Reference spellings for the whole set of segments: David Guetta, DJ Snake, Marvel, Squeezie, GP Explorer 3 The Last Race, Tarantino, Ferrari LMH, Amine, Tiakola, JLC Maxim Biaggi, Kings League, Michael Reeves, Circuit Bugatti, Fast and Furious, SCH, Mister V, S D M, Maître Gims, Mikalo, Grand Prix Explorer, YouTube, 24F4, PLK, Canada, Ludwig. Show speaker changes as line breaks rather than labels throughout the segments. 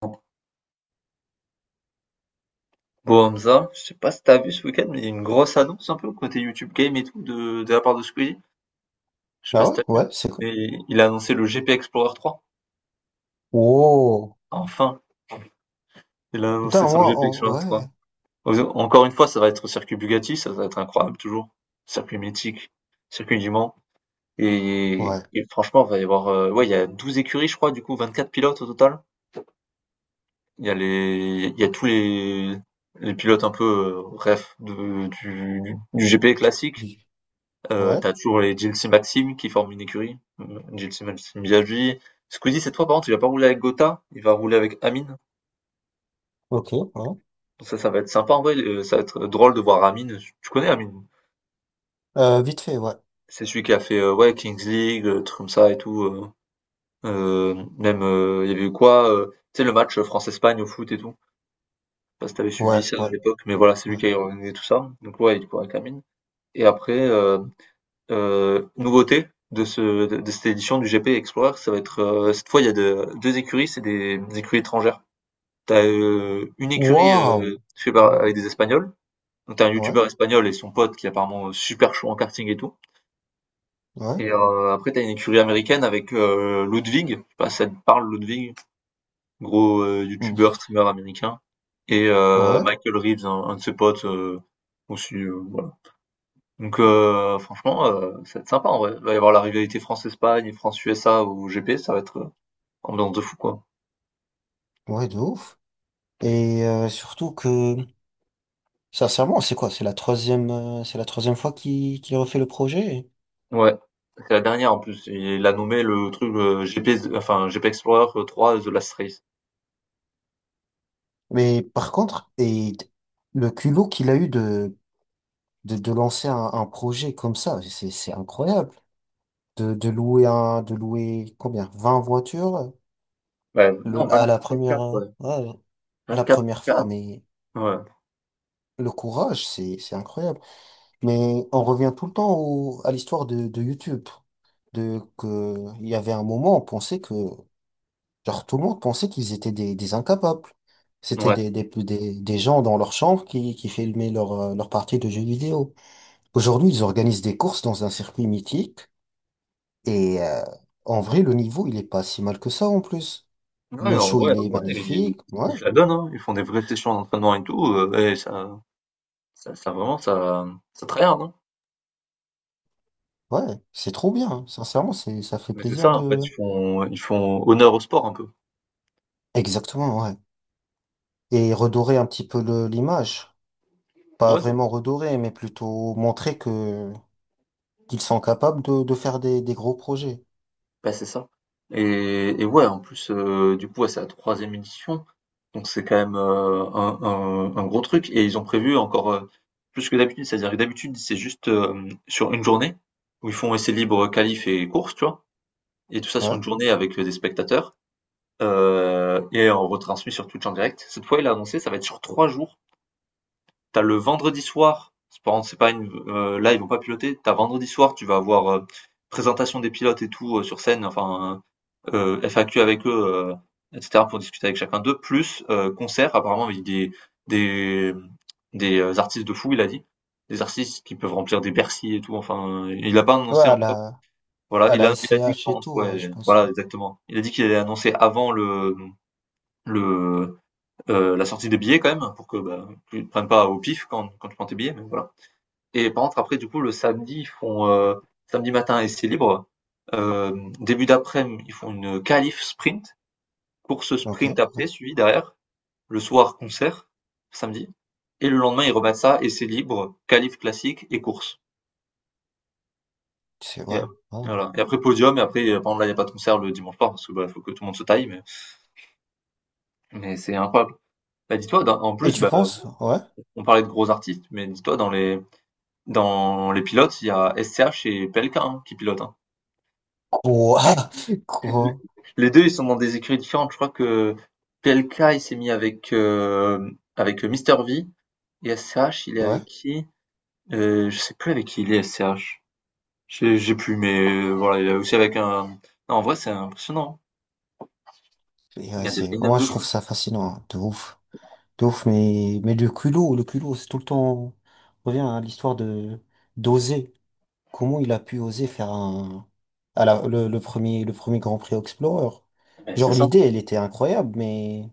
Bon Hamza, je sais pas si t'as vu ce week-end, mais il y a une grosse annonce un peu côté YouTube Game et tout de la part de Squeezie. Je sais pas si
Ouais,
t'as vu,
ouais, c'est cool.
mais il a annoncé le GP Explorer 3.
Oh,
Enfin, il a annoncé
putain,
son
moi,
GP Explorer
ouais,
3. Encore une fois, ça va être au circuit Bugatti, ça va être incroyable toujours. Circuit mythique, circuit du Mans. Et,
ouais,
et franchement, il va y avoir, ouais, il y a 12 écuries, je crois, du coup, 24 pilotes au total. Il y a tous les pilotes un peu, ref du GP classique.
du- ouais,
Tu toujours les JLC Maxim qui forment une écurie, JLC Maxim Biaggi. Squeezie cette fois par contre il va pas rouler avec Gotha, il va rouler avec Amine.
ok, ouais.
Donc ça va être sympa en vrai, ça va être drôle de voir Amine. Tu connais Amine?
Vite fait, ouais,
C'est celui qui a fait, ouais, Kings League, trucs comme ça et tout, même, il y avait eu quoi, tu sais le match France-Espagne au foot et tout? Je sais pas si tu suivi
ouais,
ça à
ouais,
l'époque, mais voilà, c'est lui
ouais.
qui a organisé tout ça. Donc ouais, il court avec Amine et après, nouveauté de ce de cette édition du GP Explorer, ça va être, cette fois il y a de 2 écuries, c'est des écuries étrangères. T'as as, une écurie,
Waouh!
fait par
Oh,
avec des Espagnols, donc t'as un
ouais,
youtubeur espagnol et son pote qui est apparemment, super chaud en karting et tout
ouais,
et après t'as une écurie américaine avec, Ludwig, je sais pas si ça te parle Ludwig? Gros, youtubeur,
ouf,
streamer américain et
ouais,
Michael Reeves, un de ses potes, aussi, voilà. Donc franchement, ça va être sympa en vrai. Il va y avoir la rivalité France-Espagne et France-USA au GP, ça va être, ambiance de fou quoi.
ouais, de ouf. Et surtout que, sincèrement, c'est quoi? C'est la troisième fois qu'il refait le projet.
Ouais, c'est la dernière en plus, il l'a nommé le truc, heu, GP z enfin GP Explorer 3 The Last Race.
Mais par contre, et le culot qu'il a eu de lancer un projet comme ça, c'est incroyable. De louer un, de louer combien? Vingt voitures
Ouais, non
le, à la première,
24 F4 ouais,
ouais, la première fois,
24 F4
mais
ouais,
le courage, c'est incroyable. Mais on revient tout le temps à l'histoire de YouTube. De, que, il y avait un moment, on pensait que, genre, tout le monde pensait qu'ils étaient des incapables. C'était
ouais.
des gens dans leur chambre qui filmaient leur, leur partie de jeux vidéo. Aujourd'hui, ils organisent des courses dans un circuit mythique et, en vrai, le niveau, il est pas si mal que ça en plus.
Non mais
Le show, il
en
est
vrai ils
magnifique. Ouais,
ils se la donnent, hein. Ils font des vraies sessions d'entraînement et tout, et ça vraiment ça tryhard, hein.
ouais, c'est trop bien. Sincèrement, c'est, ça fait
Mais c'est
plaisir
ça en fait,
de...
ils font honneur au sport un peu.
Exactement, ouais. Et redorer un petit peu l'image. Pas
Ouais,
vraiment redorer, mais plutôt montrer que qu'ils sont capables de faire des gros projets.
bah, c'est ça. Et ouais, en plus, du coup, ouais, c'est la troisième édition, donc c'est quand même, un gros truc et ils ont prévu encore, plus que d'habitude. C'est-à-dire que d'habitude, c'est juste, sur une journée où ils font essai libre qualifs et course tu vois? Et tout ça sur
Ouais.
une journée avec, des spectateurs, et on retransmet sur Twitch en direct. Cette fois, il a annoncé, ça va être sur 3 jours. T'as le vendredi soir, c'est par c'est pas une là, ils vont pas piloter. T'as vendredi soir, tu vas avoir, présentation des pilotes et tout, sur scène, enfin, FAQ avec eux, heu, et cetera pour discuter avec chacun d'eux, plus, concert apparemment avec des, mmh, des artistes de fou, il a dit. Des artistes qui peuvent remplir des Bercy et tout, enfin, il a pas
Ouais,
annoncé encore. Voilà,
à
il
la
a il a dit
SCH et
quand,
tout, ouais, je
ouais,
pense.
voilà exactement. Il a dit qu'il allait annoncer avant le, la sortie des billets quand même pour que, bah, tu te prennes pas au pif quand tu prends tes billets, mais voilà. Et par contre après du coup le samedi, ils font, samedi matin essai libre, début daprès midi ils font une qualif sprint course
Ok,
sprint
ouais.
après, suivi derrière, le soir concert, samedi, et le lendemain ils remettent ça, essais libres, qualifs classiques et courses.
C'est
Et,
vrai. Ouais.
voilà. Et après podium, et après, par exemple là il n'y a pas de concert le dimanche soir, parce que bah, faut que tout le monde se taille, mais c'est incroyable. Bah, dis-toi, en
Et
plus,
tu
bah,
penses? Ouais.
on parlait de gros artistes, mais dis-toi, dans les pilotes, il y a SCH et PLK, hein, qui pilotent, hein.
Quoi? Quoi?
Les deux, ils sont dans des écuries différentes. Je crois que PLK, il s'est mis avec, avec Mister V, et SCH, il est
Ouais.
avec qui? Je sais plus avec qui il est SCH. J'ai plus, mais voilà, il est aussi avec un non, en vrai, c'est impressionnant,
Et,
hein. Il y
ouais,
a des
c'est,
line-up
moi,
de
je
fou.
trouve ça fascinant, hein, de ouf. De ouf, mais le culot, c'est tout le temps, on revient à l'histoire de, d'oser. Comment il a pu oser faire un, le premier Grand Prix Explorer?
Beh, c'est
Genre,
ça.
l'idée, elle était incroyable, mais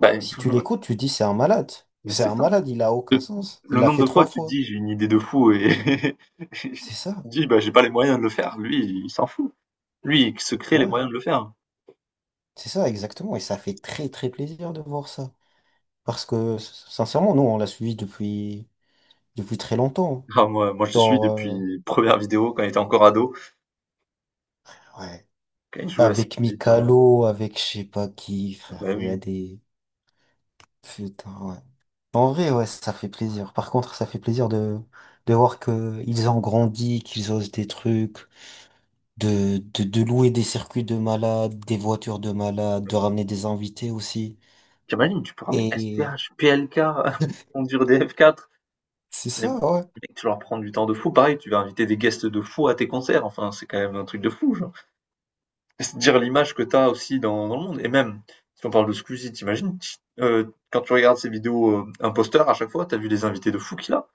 Bah,
si tu l'écoutes, tu dis, c'est un malade.
mais
C'est
c'est
un
ça.
malade, il a aucun
Le
sens. Il
le
l'a
nombre
fait
de fois
trois
que tu te
fois.
dis: «J'ai une idée de fou» et
C'est ça.
tu te dis: «Bah, j'ai pas les moyens de le faire». Lui, il s'en fout. Lui, il se crée les
Ouais.
moyens de le faire.
C'est ça, exactement. Et ça fait très, très plaisir de voir ça. Parce que, sincèrement, nous, on l'a suivi depuis, depuis très longtemps.
Ah moi je le suis
Genre,
depuis première vidéo quand il était encore ado,
ouais.
quand il jouait à ces
Avec
jeux vidéo,
Mikalo, avec je sais pas qui, frère,
bah,
il y a
oui.
des... Putain, ouais. En vrai, ouais, ça fait plaisir. Par contre, ça fait plaisir de voir que ils ont grandi, qu'ils osent des trucs, de louer des circuits de malades, des voitures de malades, de ramener des invités aussi.
Tu imagines, tu peux ramener
Et
SCH, PLK, conduire des F4.
c'est
Les
ça, ouais.
mecs, tu leur prends du temps de fou. Pareil, tu vas inviter des guests de fou à tes concerts. Enfin, c'est quand même un truc de fou. Genre. C'est dire l'image que t'as aussi dans le monde. Et même, si on parle de Squeezie, t'imagines, euh, quand tu regardes ses vidéos imposteurs, à chaque fois, t'as vu les invités de fou qu'il a.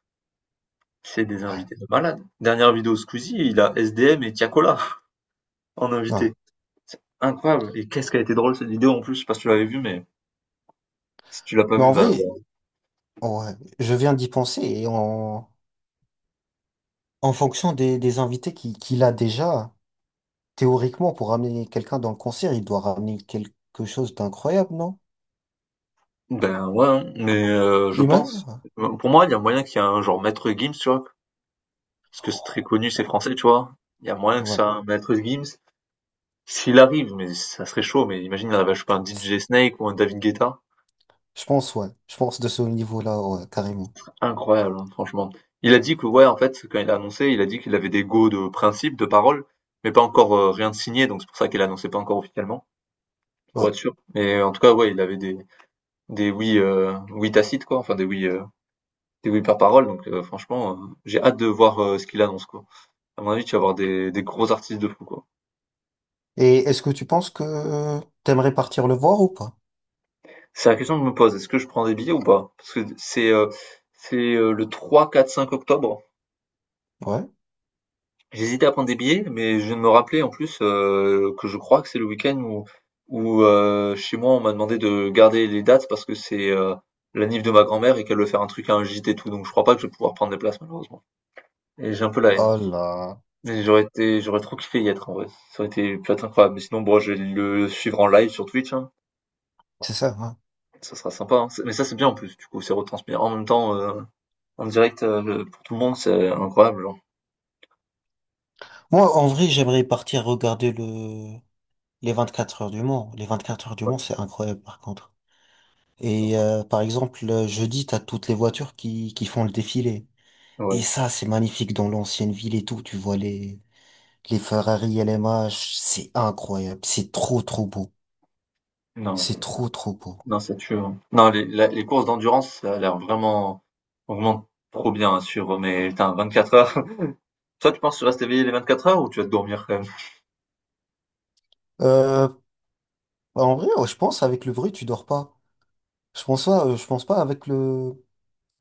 C'est des
Ouais,
invités de malade. Dernière vidéo Squeezie, il a S D M et Tiakola en
ouais.
invité. Incroyable. Et qu'est-ce qu'elle a été drôle cette vidéo en plus, je sais pas si tu l'avais vue, mais si tu l'as pas
Mais
vue,
en
va.
vrai,
voir.
ouais, je viens d'y penser et en, en fonction des invités qu'il a déjà. Théoriquement, pour ramener quelqu'un dans le concert, il doit ramener quelque chose d'incroyable, non?
Ben ouais, hein. Mais je
Imagine?
pense. Pour moi, il y a moyen qu'il y ait un genre Maître Gims, tu vois, parce que c'est très connu, c'est
Ouais.
français, tu vois? Il y a moyen que
Ouais. Ouais.
ça, Maître Gims. S'il arrive, mais ça serait chaud, mais imagine, il arrive à choper un DJ Snake ou un David Guetta.
Je pense, ouais. Je pense de ce niveau-là, ouais, carrément.
Incroyable, hein, franchement. Il a dit que, ouais, en fait, quand il a annoncé, il a dit qu'il avait des go de principe, de parole, mais pas encore, rien de signé, donc c'est pour ça qu'il annoncé pas encore officiellement, pour
Ouais.
être sûr. Mais en tout cas, ouais, il avait des oui, oui tacites, quoi, enfin des oui par parole, donc franchement, j'ai hâte de voir ce qu'il annonce, quoi. À mon avis, tu vas avoir des gros artistes de fou, quoi.
Et est-ce que tu penses que t'aimerais partir le voir ou pas?
C'est la question que je me pose, est-ce que je prends des billets ou pas? Parce que c'est le 3, 4, 5 octobre.
Ouais.
J'hésitais à prendre des billets, mais je viens de me rappeler en plus, que je crois que c'est le week-end où chez moi on m'a demandé de garder les dates parce que c'est, la nif de ma grand-mère et qu'elle veut faire un truc à un gîte et tout, donc je crois pas que je vais pouvoir prendre des places malheureusement. Et j'ai un peu la haine.
Oh là.
Mais j'aurais été, j'aurais trop kiffé y être en vrai. Ça aurait été peut-être incroyable. Mais sinon, bon, je vais le suivre en live sur Twitch, hein.
C'est ça, hein.
Ça sera sympa, hein. Mais ça c'est bien en plus, du coup, c'est retransmis en même temps. En direct, le pour tout le monde, c'est incroyable, genre.
Moi, en vrai, j'aimerais partir regarder le... les 24 Heures du Mans. Les 24 heures du Mans,
Ouais,
c'est incroyable, par contre. Et par exemple, le jeudi, t'as toutes les voitures qui font le défilé.
ouais.
Et ça, c'est magnifique dans l'ancienne ville et tout. Tu vois les Ferrari LMH, c'est incroyable. C'est trop, trop beau.
Non,
C'est
c'est
trop, trop beau.
non, c'est tue, hein. Non, les courses d'endurance, ça a l'air vraiment vraiment trop bien à suivre, mais putain, quatre heures. Toi, tu penses que tu restes éveillé les 24 heures ou tu vas te dormir quand même?
Euh, En vrai, ouais, je pense avec le bruit, tu dors pas. Je pense pas, je pense pas avec le,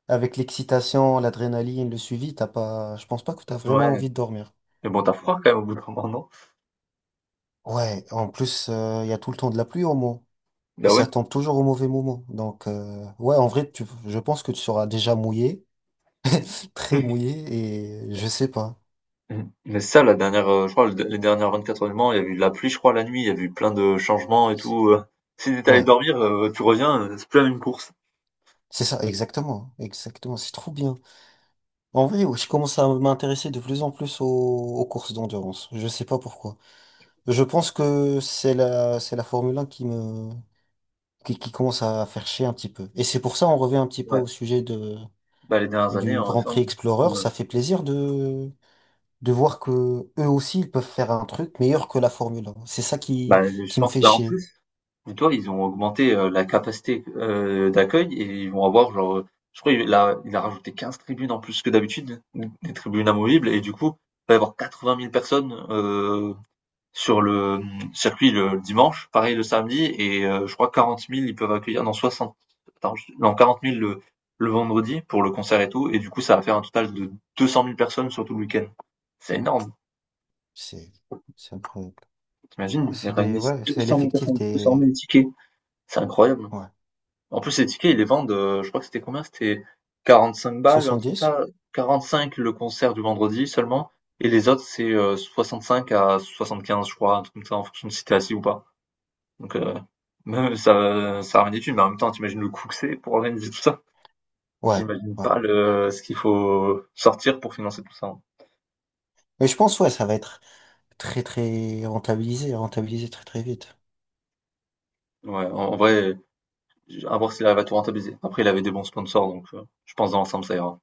avec l'excitation, l'adrénaline, le suivi, t'as pas, je pense pas que t'as vraiment
Ouais,
envie de dormir.
mais bon, t'as froid quand même au bout d'un moment, non?
Ouais, en plus, il y a tout le temps de la pluie au moment.
Bah
Et
ouais.
ça tombe toujours au mauvais moment. Donc, ouais, en vrai, tu, je pense que tu seras déjà mouillé, très mouillé, et je sais pas.
Mmh. Mais ça, la dernière, je crois le les dernières 24 heures du Mans, il y a eu de la pluie, je crois, la nuit, il y a eu plein de changements et
C'est-
tout, Si t'es allé
Ouais,
dormir, tu reviens, c'est plus la même course.
c'est ça, exactement. Exactement, c'est trop bien. En vrai, ouais, je commence à m'intéresser de plus en plus aux, aux courses d'endurance. Je sais pas pourquoi. Je pense que c'est la Formule 1 qui me, qui commence à faire chier un petit peu. Et c'est pour ça, on revient un petit peu au
Ouais,
sujet de,
bah, les dernières années,
du
en
Grand
effet,
Prix Explorer.
ouais.
Ça fait plaisir de voir que eux aussi, ils peuvent faire un truc meilleur que la Formule 1. C'est ça
Bah, je
qui me
pense,
fait
bah, en
chier.
plus dis-toi, ils ont augmenté, la capacité, d'accueil et ils vont avoir genre, je crois il a rajouté 15 tribunes en plus que d'habitude, des tribunes amovibles et du coup, il va y avoir 80 000 personnes, sur le, circuit le, dimanche, pareil le samedi et, je crois 40 000 ils peuvent accueillir, non 60, attends, non 40 000 le vendredi pour le concert et tout et du coup ça va faire un total de 200 000 personnes sur tout le week-end. C'est énorme,
C'est, c'est incroyable.
t'imagines, ils
C'est des,
réunissent
ouais, c'est
200 000
l'effectif
personnes, 200
des,
000 tickets, c'est incroyable.
ouais,
En plus, les tickets, ils les vendent, je crois que c'était combien? C'était 45 balles, un truc comme
70.
ça. 45 le concert du vendredi seulement et les autres, c'est, 65 à 75, je crois, un truc comme ça, en fonction de si tu es assis ou pas. Donc, même ça ramène des thunes, mais en même temps, t'imagines le coût que c'est pour organiser tout ça?
Ouais,
J'imagine
ouais.
pas le ce qu'il faut sortir pour financer tout ça, hein.
Mais je pense, ouais, ça va être, très très rentabilisé, rentabilisé très très vite.
Ouais, en vrai, à voir s'il arrive à tout rentabiliser. Après, il avait des bons sponsors, donc, je pense dans l'ensemble, ça ira.